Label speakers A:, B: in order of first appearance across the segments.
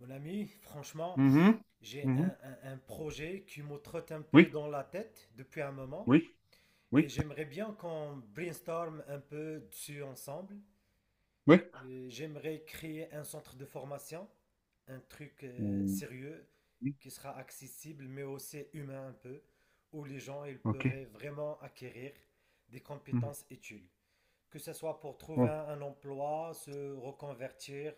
A: Mon ami, franchement,
B: Mhm.
A: j'ai
B: Mhm.
A: un projet qui me trotte un peu
B: Oui,
A: dans la tête depuis un moment
B: oui,
A: et
B: oui,
A: j'aimerais bien qu'on brainstorm un peu dessus ensemble.
B: oui.
A: J'aimerais créer un centre de formation, un truc
B: Mm,
A: sérieux
B: oui,
A: qui sera accessible mais aussi humain un peu, où les gens ils
B: ok.
A: pourraient vraiment acquérir des
B: Mhm.
A: compétences utiles, que ce soit pour trouver
B: Oh,
A: un emploi, se reconvertir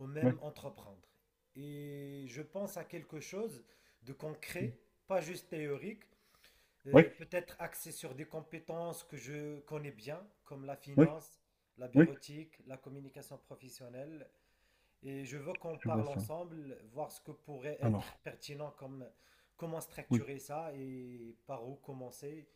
A: ou
B: oui,
A: même entreprendre. Et je pense à quelque chose de
B: mm,
A: concret, pas juste théorique,
B: oui,
A: peut-être axé sur des compétences que je connais bien, comme la
B: oui,
A: finance, la
B: oui,
A: bureautique, la communication professionnelle. Et je veux qu'on
B: je vois
A: parle
B: ça.
A: ensemble, voir ce que pourrait être
B: Alors,
A: pertinent, comme comment
B: oui,
A: structurer ça et par où commencer.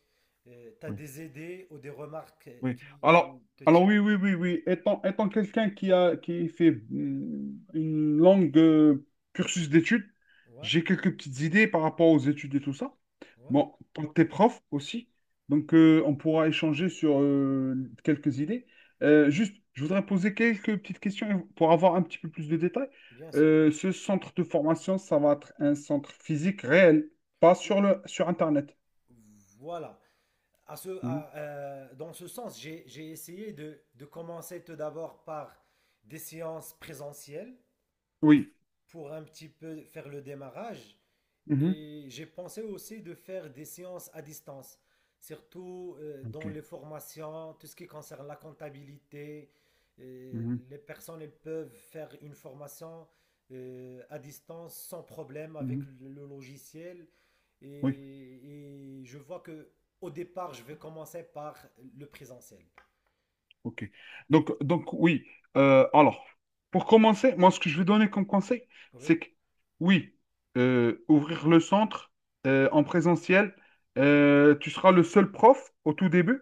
A: Tu as
B: oui,
A: des idées ou des remarques
B: oui. Alors,
A: qui te
B: alors
A: tiennent?
B: oui, oui, oui, oui. Étant quelqu'un qui fait une longue cursus d'études,
A: Ouais,
B: j'ai quelques petites idées par rapport aux études et tout ça.
A: ouais,
B: Bon, quand t'es prof aussi, donc on pourra échanger sur quelques idées. Juste, je voudrais poser quelques petites questions pour avoir un petit peu plus de détails.
A: bien sûr.
B: Ce centre de formation, ça va être un centre physique réel, pas
A: Ou-
B: sur le sur Internet.
A: Voilà. À ce,
B: Mhm.
A: à, euh, dans ce sens, j'ai essayé de commencer tout d'abord par des séances présentielles
B: Oui.
A: pour un petit peu faire le démarrage.
B: Mhm.
A: Et j'ai pensé aussi de faire des séances à distance, surtout
B: Ok.
A: dans les formations, tout ce qui concerne la comptabilité. Euh,
B: Mhm.
A: les personnes elles peuvent faire une formation à distance sans problème avec
B: Mhm.
A: le logiciel.
B: Oui.
A: Et, et je vois que au départ, je vais commencer par le présentiel.
B: Ok. Donc, oui. Alors, pour commencer, moi, ce que je vais donner comme conseil,
A: Oui.
B: c'est que, oui, ouvrir le centre, en présentiel, tu seras le seul prof au tout début.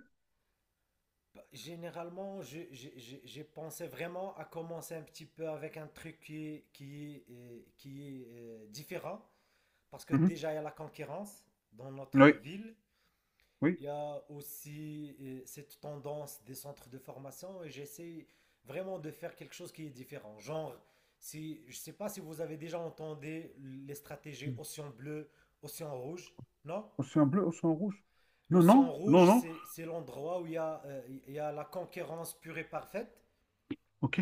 A: Généralement, j'ai pensé vraiment à commencer un petit peu avec un truc qui est différent. Parce que
B: Mhm.
A: déjà, il y a la concurrence dans notre
B: Oui,
A: ville.
B: oui.
A: Il y a aussi cette tendance des centres de formation et j'essaie vraiment de faire quelque chose qui est différent. Genre, si, je ne sais pas si vous avez déjà entendu les stratégies
B: Mhm.
A: océan bleu, océan rouge, non?
B: Océan bleu, océan rouge. Non,
A: L'océan
B: non, non,
A: rouge,
B: non.
A: c'est l'endroit où il y a la concurrence pure et parfaite.
B: Ok.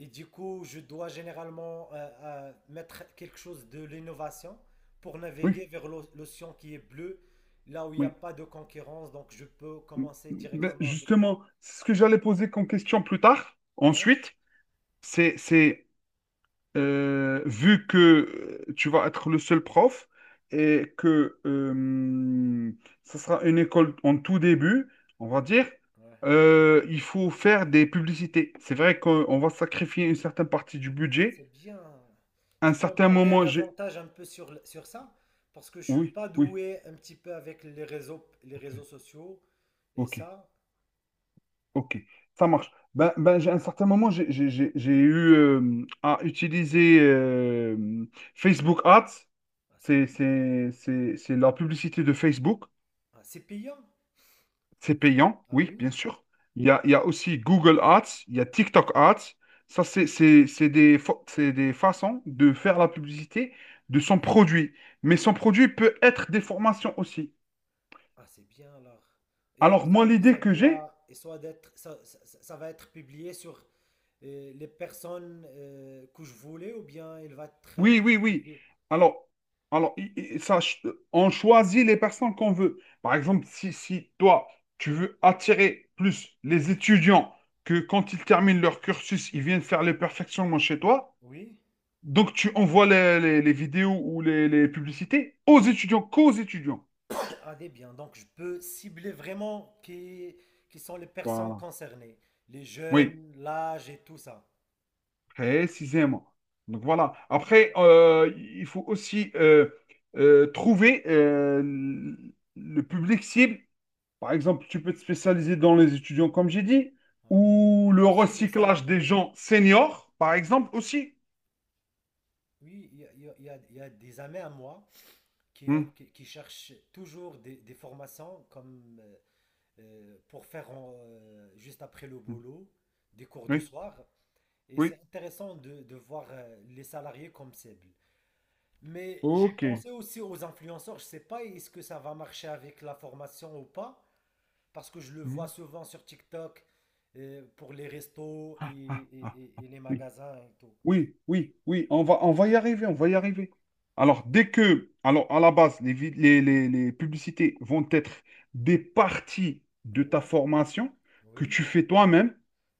A: Et du coup, je dois généralement mettre quelque chose de l'innovation pour naviguer
B: Oui,
A: vers l'océan qui est bleu, là où il n'y a
B: oui.
A: pas de concurrence. Donc, je peux
B: Mm,
A: commencer
B: ben,
A: directement avec.
B: justement, c'est ce que j'allais poser comme question plus tard.
A: Ouais,
B: Ensuite, c'est vu que tu vas être le seul prof et que ça sera une école en tout début, on va
A: ouais,
B: dire,
A: ouais.
B: il faut faire des publicités. C'est vrai qu'on on va sacrifier une certaine partie du
A: Ah,
B: budget.
A: c'est bien.
B: À un
A: Tu peux me
B: certain
A: parler
B: moment, j'ai—
A: davantage un peu sur ça? Parce que je suis
B: Oui,
A: pas
B: oui,
A: doué un petit peu avec les réseaux sociaux et
B: ok,
A: ça.
B: ok, ça marche. À un certain moment, j'ai eu à utiliser Facebook Ads.
A: Ah, c'est
B: C'est
A: bien.
B: c'est- c'est- c'est la publicité de Facebook.
A: Ah, c'est payant?
B: C'est payant,
A: Ah
B: oui, bien
A: oui?
B: sûr. Il y a aussi Google Ads, il y a TikTok Ads. Ça, c'est des façons de faire la publicité de son produit. Mais son produit peut être des formations aussi.
A: Ah, c'est bien alors.
B: Alors, moi,
A: Et
B: l'idée
A: ça
B: que j'ai,
A: doit, et soit d'être, ça- ça- ça va être publié sur les personnes que je voulais, ou bien il va être
B: oui, oui, oui.
A: publié?
B: Alors, alors, on choisit les personnes qu'on veut. Par exemple, si toi, tu veux attirer plus les étudiants que quand ils terminent leur cursus, ils viennent faire le perfectionnement chez toi.
A: Oui.
B: Donc tu envoies les vidéos ou les publicités aux étudiants, qu'aux étudiants.
A: Ah, des biens. Donc, je peux cibler vraiment qui sont les personnes
B: Voilà.
A: concernées, les
B: Oui,
A: jeunes, l'âge et tout ça.
B: précisément. Donc voilà. Après, il faut aussi trouver le public cible. Par exemple, tu peux te spécialiser dans les étudiants, comme j'ai dit,
A: Ah oui,
B: ou le
A: aussi les
B: recyclage des
A: salariés.
B: gens seniors, par exemple, aussi.
A: Oui, il y a des amis à moi
B: Hmm,
A: qui cherchent toujours des formations comme pour juste après le
B: hmm,
A: boulot des cours de
B: oui,
A: soir. Et c'est
B: oui,
A: intéressant de voir les salariés comme cible. Mais j'ai
B: ok.
A: pensé aussi aux influenceurs. Je sais pas est-ce que ça va marcher avec la formation ou pas, parce que je le
B: Hmm,
A: vois souvent sur TikTok, pour les restos
B: ah, ah,
A: et les
B: oui.
A: magasins et tout.
B: Oui, oui, oui, on va y arriver, on va y arriver. Alors, à la base, les, vid- les publicités vont être des parties de ta
A: Ouais,
B: formation que
A: oui,
B: tu fais toi-même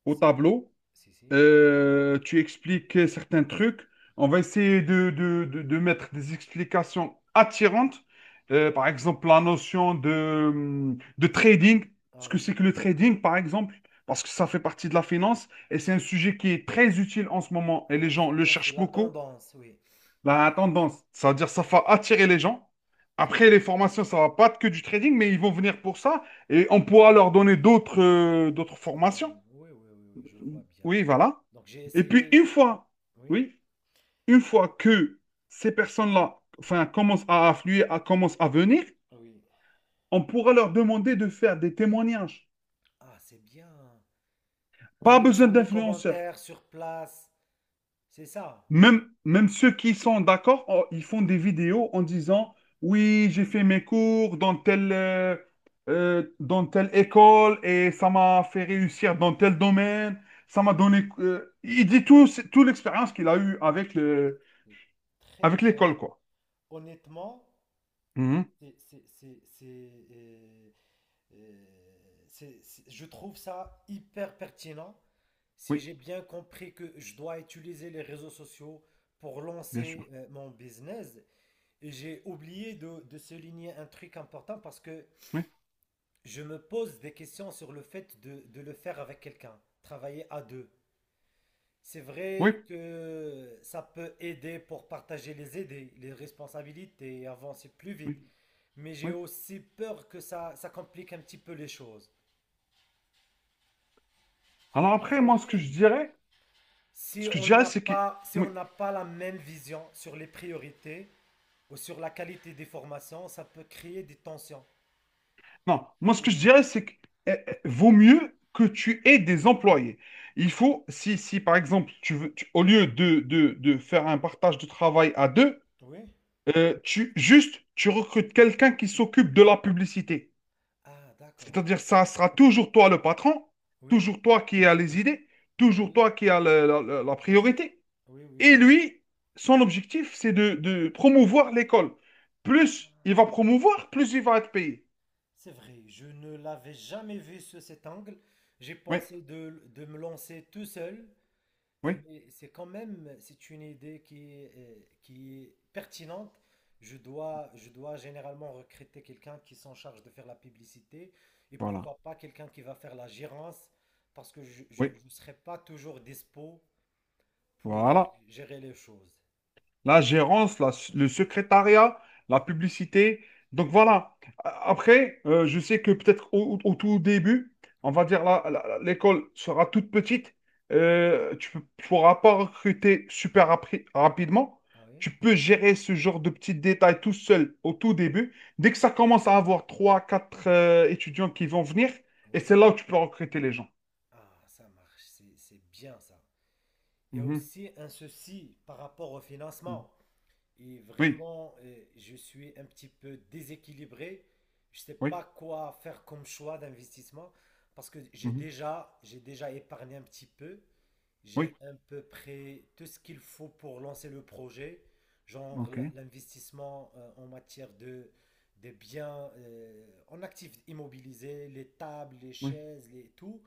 B: au
A: si,
B: tableau
A: si, si.
B: euh, tu expliques certains trucs. On va essayer de mettre des explications attirantes. Euh,
A: Oh,
B: par exemple, la notion de trading. Ce
A: ah
B: que c'est
A: oui.
B: que le trading, par exemple, parce que ça fait partie de la finance et c'est un sujet qui est très utile en ce moment et les
A: Ah,
B: gens
A: c'est
B: le
A: bien, c'est
B: cherchent
A: la
B: beaucoup.
A: tendance, oui.
B: La tendance, ça veut dire ça va attirer les gens.
A: C'est
B: Après, les formations, ça va pas être que du trading, mais ils vont venir pour ça et on pourra leur donner d'autres
A: d'autres
B: formations.
A: thèmes. Oui, oui, oui, oui, je vois bien.
B: Oui, voilà.
A: Donc j'ai
B: Et puis
A: essayé. Oui,
B: oui, une fois que ces personnes-là, enfin, commencent à affluer, commencent à venir,
A: oui.
B: on pourra leur demander de faire des témoignages.
A: Ah, c'est bien. En
B: Pas besoin
A: laissant des
B: d'influenceurs.
A: commentaires sur place. C'est ça.
B: Même, ceux qui sont d'accord, oh, ils font des vidéos en disant, oui, j'ai fait mes cours dans telle école et ça m'a fait
A: Mm.
B: réussir dans tel domaine. Ça m'a donné. Il dit tout, toute l'expérience qu'il a eue
A: Ah, c'est très
B: avec
A: bien.
B: l'école, quoi.
A: Honnêtement,
B: Mhm.
A: c'est, c'est, c'est, c'est, euh, je trouve ça hyper pertinent. Si
B: Oui,
A: j'ai bien compris que je dois utiliser les réseaux sociaux pour
B: bien sûr.
A: lancer mon business, j'ai oublié de souligner un truc important, parce que
B: Oui,
A: je me pose des questions sur le fait de le faire avec quelqu'un, travailler à deux. C'est
B: oui,
A: vrai que ça peut aider pour partager les idées, les responsabilités et avancer plus vite,
B: oui,
A: mais j'ai
B: oui.
A: aussi peur que ça complique un petit peu les choses.
B: Alors
A: Vous
B: après, moi, ce que je
A: voyez,
B: dirais, ce que je dirais, c'est que,
A: si
B: oui.
A: on n'a pas la même vision sur les priorités ou sur la qualité des formations, ça peut créer des tensions.
B: Non, moi, ce que je
A: Ou-
B: dirais, c'est que vaut mieux que tu aies des employés. Il
A: Ah,
B: faut, si par exemple, tu veux, au lieu de faire un partage de travail à deux,
A: oui.
B: juste, tu recrutes quelqu'un qui s'occupe de la publicité.
A: Ah, d'accord.
B: C'est-à-dire, ça sera toujours toi le patron,
A: Oui,
B: toujours toi qui as les idées, toujours
A: oui,
B: toi qui as la priorité.
A: oui, oui,
B: Et
A: oui.
B: lui, son objectif, c'est de promouvoir l'école. Plus il va promouvoir, plus il va être payé.
A: C'est vrai, je ne l'avais jamais vu sous cet angle. J'ai
B: Oui,
A: pensé de me lancer tout seul,
B: oui,
A: mais c'est quand même, c'est une idée qui est pertinente. Je dois généralement recruter quelqu'un qui s'en charge de faire la publicité, et
B: voilà.
A: pourquoi pas quelqu'un qui va faire la gérance, parce que
B: Oui,
A: je ne serai pas toujours dispo pour
B: voilà.
A: gérer les choses.
B: La gérance, le secrétariat, la publicité. Donc voilà. Après, je sais que peut-être au tout début, on
A: Ouais.
B: va dire l'école sera toute petite. Tu ne pourras pas recruter super rapidement.
A: Ah oui?
B: Tu peux gérer ce genre de petits détails tout seul au tout début. Dès que ça commence à avoir trois, quatre étudiants qui vont venir, et c'est
A: Oui.
B: là où tu peux recruter les gens.
A: Ah, ça marche, c'est bien ça. Il y a
B: Mhm.
A: aussi un souci par rapport au
B: Mhm.
A: financement. Et
B: Oui,
A: vraiment, je suis un petit peu déséquilibré. Je sais
B: oui.
A: pas quoi faire comme choix d'investissement, parce que
B: Mhm.
A: j'ai déjà épargné un petit peu. J'ai
B: Oui,
A: à peu près tout ce qu'il faut pour lancer le projet, genre
B: ok,
A: l'investissement en matière de des biens en actifs immobilisés, les tables, les
B: oui, ouais.
A: chaises, les tout.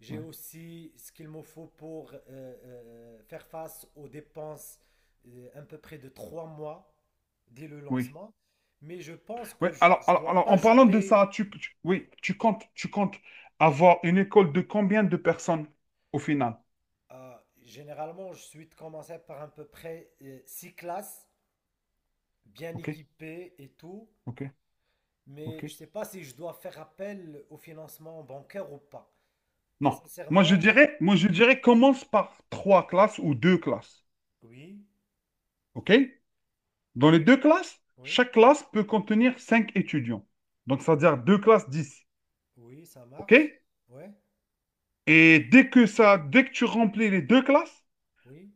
A: J'ai
B: Ouais.
A: aussi ce qu'il me faut pour faire face aux dépenses à peu près de 3 mois dès le
B: Oui.
A: lancement. Mais je pense que
B: Ouais
A: je
B: alors,
A: ne
B: alors,
A: dois
B: alors,
A: pas
B: en parlant de
A: jeter.
B: ça, oui, tu comptes avoir une école de combien de personnes au final?
A: Généralement je suis commencé par à peu près 6 classes, bien
B: OK,
A: équipées et tout.
B: OK,
A: Mais je
B: OK.
A: ne sais pas si je dois faire appel au financement bancaire ou pas.
B: Non, moi je
A: Sincèrement,
B: dirais, moi je dirais commence par trois classes ou deux classes.
A: oui,
B: OK? Dans les deux classes,
A: oui,
B: chaque classe peut contenir cinq étudiants. Donc, ça veut dire deux classes, 10.
A: oui, ça
B: OK?
A: marche. Ouais,
B: Et dès que tu remplis les deux classes,
A: oui,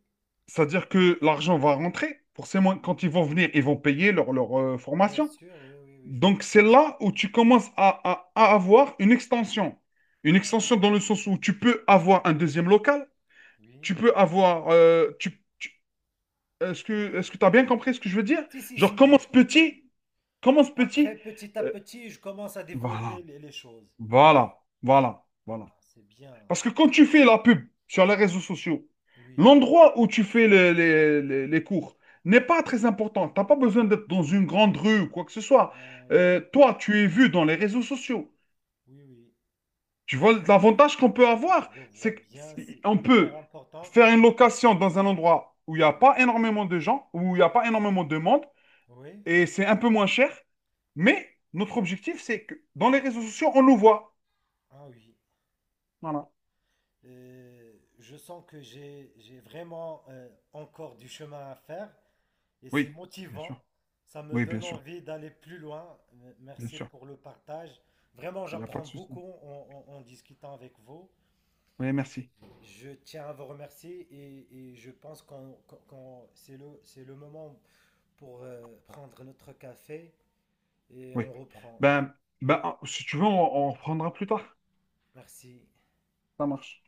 B: c'est-à-dire que l'argent va rentrer. Forcément, quand ils vont venir, ils vont payer leur
A: bien
B: formation.
A: sûr, oui, oui, oui, je vois
B: Donc, c'est
A: bien.
B: là où tu commences à avoir une extension. Une
A: Ah,
B: extension dans le sens où tu peux avoir un deuxième local,
A: oui.
B: tu peux avoir— est-ce que tu as bien compris ce que je veux dire?
A: Si, si,
B: Genre,
A: si.
B: commence petit, commence
A: Après,
B: petit.
A: petit à
B: euh,
A: petit, je commence à
B: voilà,
A: développer les choses.
B: voilà, voilà, voilà.
A: Ah, c'est bien.
B: Parce que quand tu fais la pub sur les réseaux sociaux,
A: Oui.
B: l'endroit où tu fais les cours n'est pas très important. Tu n'as pas besoin d'être dans une grande rue ou quoi que ce soit.
A: Ben
B: Euh,
A: oui,
B: toi, tu es vu dans les réseaux sociaux.
A: oui, oui.
B: Tu vois, l'avantage qu'on peut avoir,
A: Je vois
B: c'est
A: bien, c'est
B: qu'on
A: hyper
B: peut
A: important.
B: faire une
A: De-
B: location dans un endroit où il n'y a
A: Ah oui.
B: pas énormément de gens, où il n'y a pas énormément de monde,
A: Oui,
B: et c'est un peu moins cher. Mais notre objectif, c'est que dans les réseaux sociaux, on nous voit.
A: ah oui.
B: Voilà.
A: Euh, je sens que j'ai vraiment encore du chemin à faire. Et c'est
B: Oui, bien sûr.
A: motivant, ça me
B: Oui, bien
A: donne
B: sûr.
A: envie d'aller plus loin.
B: Bien
A: Merci
B: sûr.
A: pour le partage. Vraiment,
B: Il n'y a pas
A: j'apprends
B: de souci.
A: beaucoup en discutant avec vous.
B: Oui, merci.
A: Je tiens à vous remercier, et je pense c'est le moment pour prendre notre café et on
B: Oui.
A: reprend.
B: Ben, si tu veux, on reprendra plus tard.
A: Merci.
B: Ça marche.